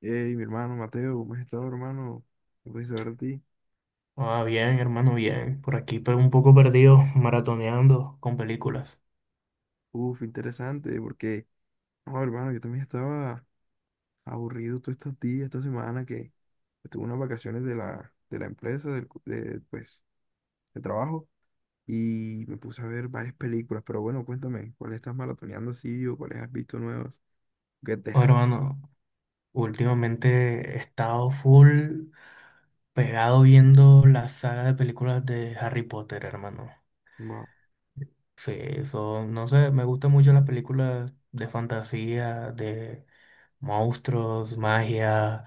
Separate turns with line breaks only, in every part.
Hey, mi hermano Mateo, ¿cómo has estado, hermano? ¿Qué puedes saber de ti?
Bien, hermano, bien. Por aquí pero un poco perdido, maratoneando con películas.
Uf, interesante, porque, no, hermano, yo también estaba aburrido todos estos días, esta semana que estuve unas vacaciones de la empresa, de de trabajo, y me puse a ver varias películas. Pero bueno, cuéntame, ¿cuáles estás maratoneando así o cuáles has visto nuevos? Que te...
Oh,
re-
hermano, últimamente he estado full pegado viendo la saga de películas de Harry Potter, hermano.
Wow.
Sí, eso, no sé, me gustan mucho las películas de fantasía, de monstruos, magia.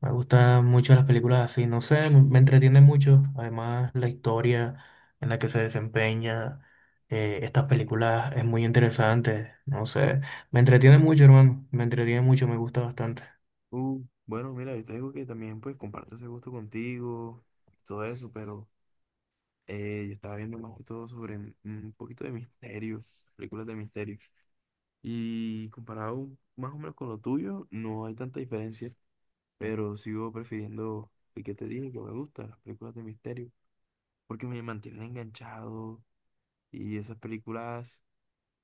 Me gustan mucho las películas así, no sé, me entretiene mucho. Además, la historia en la que se desempeña estas películas es muy interesante. No sé, me entretiene mucho, hermano. Me entretiene mucho, me gusta bastante.
Bueno, mira, yo te digo que también pues comparto ese gusto contigo, todo eso, pero yo estaba viendo más que todo sobre un poquito de misterio, películas de misterio. Y comparado más o menos con lo tuyo, no hay tanta diferencia, pero sigo prefiriendo el que te dije que me gusta, las películas de misterio, porque me mantienen enganchado, y esas películas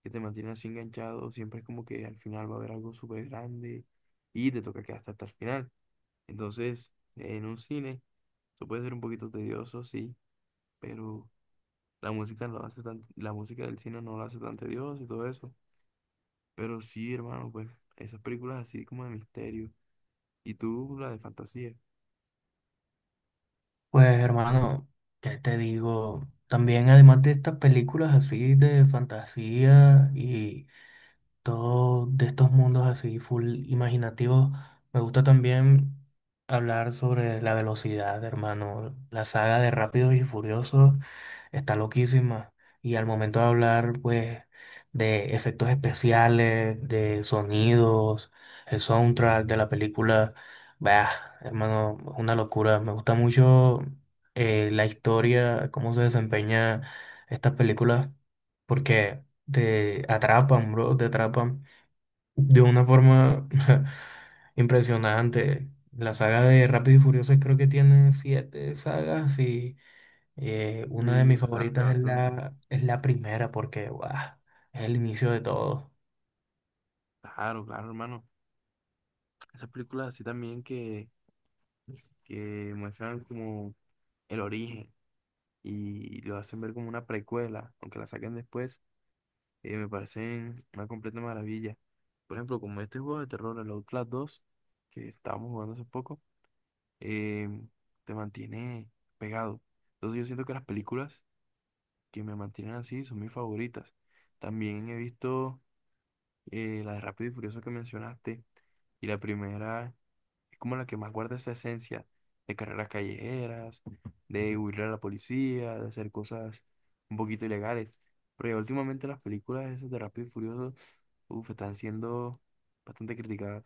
que te mantienen así enganchado, siempre es como que al final va a haber algo súper grande y te toca quedarte hasta el final. Entonces, en un cine, eso puede ser un poquito tedioso, sí, pero... la música lo hace la música del cine no lo hace tan tedioso y todo eso. Pero sí, hermano, pues esas películas así como de misterio. Y tú, la de fantasía.
Pues, hermano, ¿qué te digo? También, además de estas películas así de fantasía y todo de estos mundos así full imaginativos. Me gusta también hablar sobre la velocidad, hermano. La saga de Rápidos y Furiosos está loquísima. Y al momento de hablar, pues, de efectos especiales, de sonidos, el soundtrack de la película, bah, hermano, es una locura. Me gusta mucho la historia, cómo se desempeña estas películas, porque te atrapan, bro, te atrapan de una forma impresionante. La saga de Rápido y Furioso creo que tiene siete sagas y una de
Sí,
mis
bastante,
favoritas es
bastante.
la primera porque, guau, es el inicio de todo.
Claro, claro, hermano. Esas películas así también que muestran como el origen y lo hacen ver como una precuela, aunque la saquen después, me parecen una completa maravilla. Por ejemplo, como este juego de terror, el Outlast 2, que estábamos jugando hace poco. eh, Te mantiene pegado. Entonces yo siento que las películas que me mantienen así son mis favoritas. También he visto la de Rápido y Furioso que mencionaste, y la primera es como la que más guarda esa esencia de carreras callejeras, de huirle a la policía, de hacer cosas un poquito ilegales. Pero ya últimamente las películas esas de Rápido y Furioso, uf, están siendo bastante criticadas.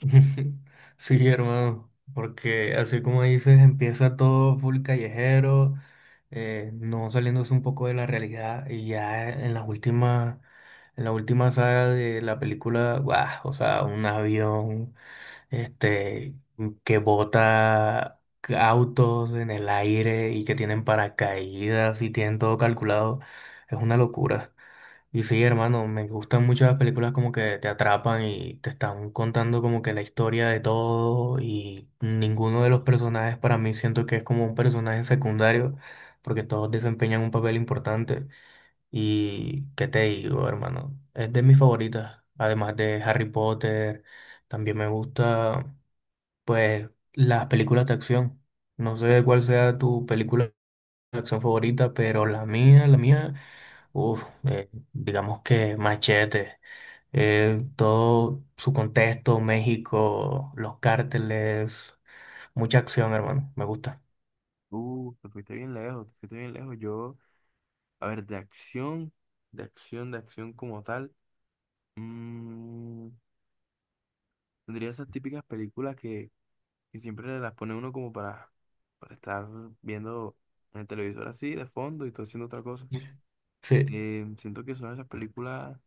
Sí, hermano, porque así como dices, empieza todo full callejero, no saliéndose un poco de la realidad y ya en las últimas, en la última saga de la película, guau, o sea, un avión, este, que bota autos en el aire y que tienen paracaídas y tienen todo calculado, es una locura. Y sí, hermano, me gustan mucho las películas como que te atrapan y te están contando como que la historia de todo y ninguno de los personajes para mí siento que es como un personaje secundario porque todos desempeñan un papel importante y qué te digo, hermano, es de mis favoritas, además de Harry Potter, también me gusta pues las películas de acción. No sé cuál sea tu película de acción favorita, pero la mía. Digamos que Machete, todo su contexto, México, los cárteles, mucha acción, hermano, me gusta.
Te fuiste bien lejos, te fuiste bien lejos. Yo, a ver, de acción, de acción como tal. mm, Tendría esas típicas películas que siempre las pone uno como para estar viendo en el televisor así, de fondo, y todo haciendo otra cosa.
Sí.
Siento que son esas películas,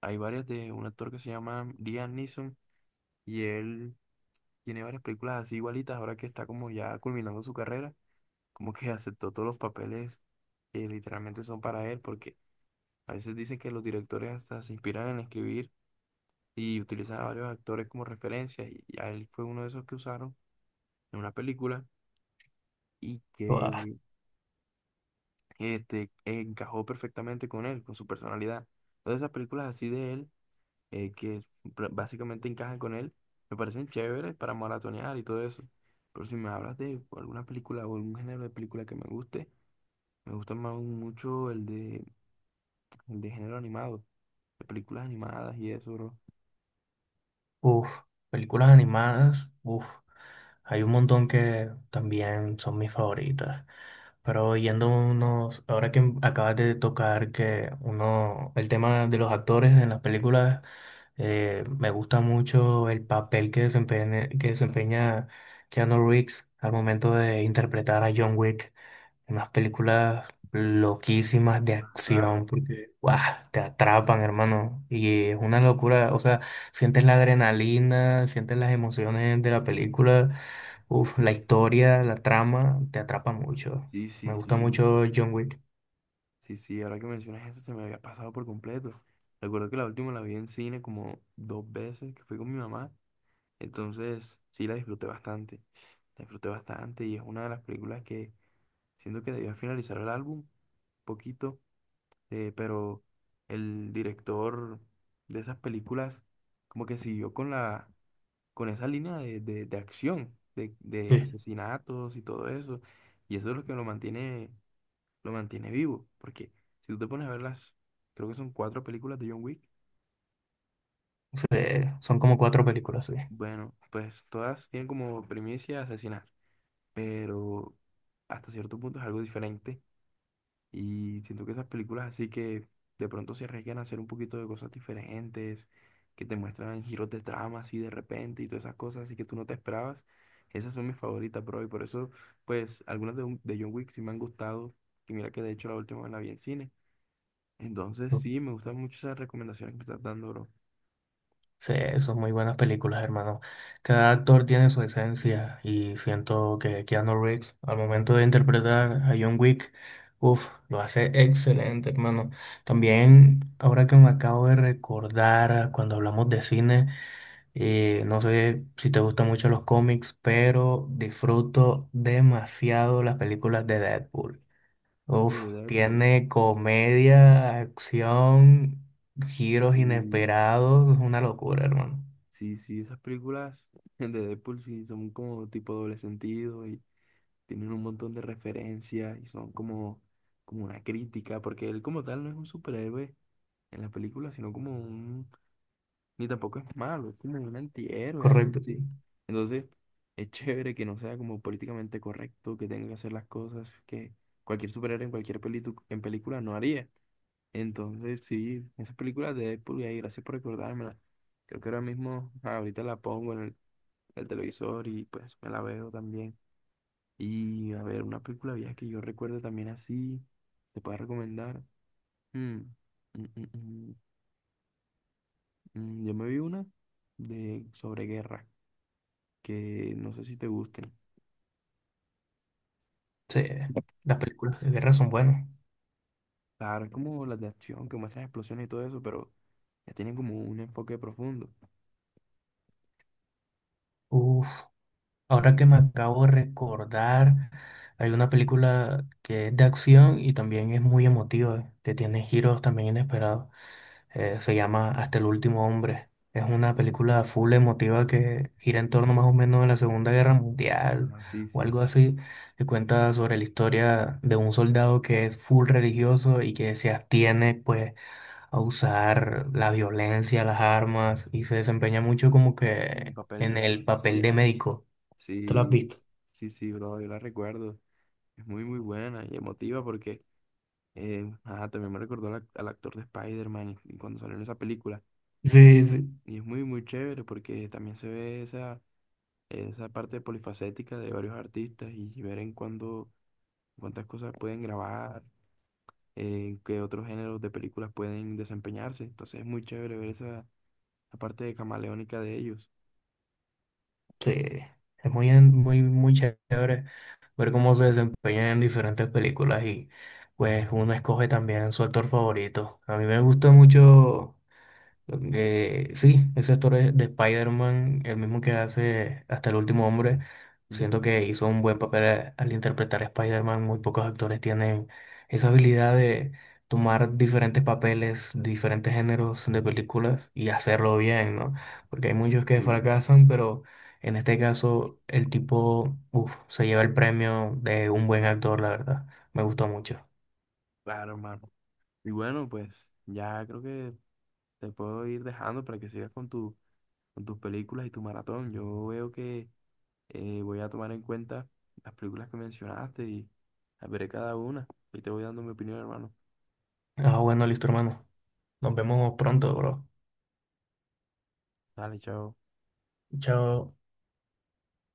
hay varias de un actor que se llama Liam Neeson, y él tiene varias películas así igualitas, ahora que está como ya culminando su carrera, como que aceptó todos los papeles que literalmente son para él, porque a veces dicen que los directores hasta se inspiran en escribir y utilizan a varios actores como referencias, y a él fue uno de esos que usaron en una película y
Guau.
que encajó perfectamente con él, con su personalidad. Entonces esas películas así de él, que pr- básicamente encajan con él, me parecen chéveres para maratonear y todo eso. Pero si me hablas de alguna película o algún género de película que me guste, me gusta más mucho el de género animado, de películas animadas y eso, bro.
Uf, películas animadas, uf, hay un montón que también son mis favoritas. Pero yendo unos, ahora que acabas de tocar que uno, el tema de los actores en las películas, me gusta mucho el papel que desempeña Keanu Reeves al momento de interpretar a John Wick. Unas películas loquísimas de
Ah, claro.
acción, porque ¡guau! Te atrapan, hermano. Y es una locura, o sea, sientes la adrenalina, sientes las emociones de la película, uf, la historia, la trama, te atrapa mucho.
Sí,
Me
sí,
gusta
sí.
mucho John Wick.
Sí, sí, ahora que mencionas eso se me había pasado por completo. Recuerdo que la última la vi en cine como dos veces, que fui con mi mamá. Entonces, sí, la disfruté bastante. La disfruté bastante y es una de las películas que siento que debía finalizar el álbum poquito, pero el director de esas películas como que siguió con con esa línea de acción, de
Sí.
asesinatos y todo eso. Y eso es lo que lo mantiene vivo. Porque si tú te pones a ver creo que son cuatro películas de John Wick,
Sí, son como cuatro películas, sí.
bueno, pues todas tienen como primicia asesinar, pero hasta cierto punto es algo diferente. Y siento que esas películas así que de pronto se arriesgan a hacer un poquito de cosas diferentes, que te muestran giros de trama así de repente y todas esas cosas así que tú no te esperabas. Esas son mis favoritas, bro, y por eso, pues, algunas de John Wick sí me han gustado. Y mira que de hecho la última la vi en cine. Entonces, sí, me gustan mucho esas recomendaciones que me estás dando, bro.
Sí, son muy buenas películas, hermano. Cada actor tiene su esencia y siento que Keanu Reeves, al momento de interpretar a John Wick, uff, lo hace excelente, hermano. También, ahora que me acabo de recordar cuando hablamos de cine, no sé si te gustan mucho los cómics, pero disfruto demasiado las películas de Deadpool.
Tú,
Uf,
de Deadpool.
tiene comedia, acción, giros
Sí,
inesperados, es una locura, hermano.
sí, sí, esas películas de Deadpool sí son como tipo doble sentido y tienen un montón de referencias y son como una crítica, porque él como tal no es un superhéroe en la película, sino como ni tampoco es malo, es como un antihéroe, algo
Correcto, sí.
así. Entonces, es chévere que no sea como políticamente correcto, que tenga que hacer las cosas que cualquier superhéroe en cualquier pelitu- en película no haría. Entonces, sí, esas películas de Deadpool, y ahí, gracias por recordármela. Creo que ahora mismo, ah, ahorita la pongo en el televisor y pues me la veo también. Y a ver, una película vieja que yo recuerdo también así, te puedo recomendar. Mm, mm, mm, mm, yo me vi una de sobre guerra, que no sé si te gusten.
Sí, las películas de guerra son buenas.
Claro, es como las de acción que muestran explosiones y todo eso, pero ya tienen como un enfoque profundo.
Uf, ahora que me acabo de recordar, hay una película que es de acción y también es muy emotiva, que tiene giros también inesperados. Se llama Hasta el último hombre. Es una película full emotiva que gira en torno más o menos a la Segunda Guerra Mundial
Ah, sí,
o
sí,
algo
sí.
así, que cuenta sobre la historia de un soldado que es full religioso y que se abstiene, pues a usar la violencia, las armas y se desempeña mucho como
El
que
papel
en
de la
el papel de
vecina.
médico. ¿Te lo has
Sí.
visto?
Sí, sí, bro, yo la recuerdo. Es muy, muy buena y emotiva porque ajá, también me recordó al, ac- al actor de Spider-Man y cuando salió en esa película.
Sí, sí,
Y es muy, muy chévere porque también se ve esa parte polifacética de varios artistas y ver en cuántas cosas pueden grabar, en qué otros géneros de películas pueden desempeñarse. Entonces es muy chévere ver la parte de camaleónica de ellos.
sí. Es muy chévere ver cómo se desempeña en diferentes películas y pues uno escoge también su actor favorito. A mí me gusta mucho. Sí, ese actor es de Spider-Man, el mismo que hace Hasta el último hombre, siento
Ujú.
que hizo un buen papel al interpretar a Spider-Man. Muy pocos actores tienen esa habilidad de tomar diferentes papeles, diferentes géneros de películas y hacerlo bien, ¿no? Porque hay muchos que
Sí,
fracasan, pero en este caso el tipo, uf, se lleva el premio de un buen actor, la verdad. Me gustó mucho.
claro, hermano. Y bueno, pues ya creo que te puedo ir dejando para que sigas con tu con tus películas y tu maratón. Yo veo que voy a tomar en cuenta las películas que mencionaste y las veré cada una. Y te voy dando mi opinión, hermano.
Ah, bueno, listo, hermano. Nos vemos pronto, bro.
Dale, chao.
Chao.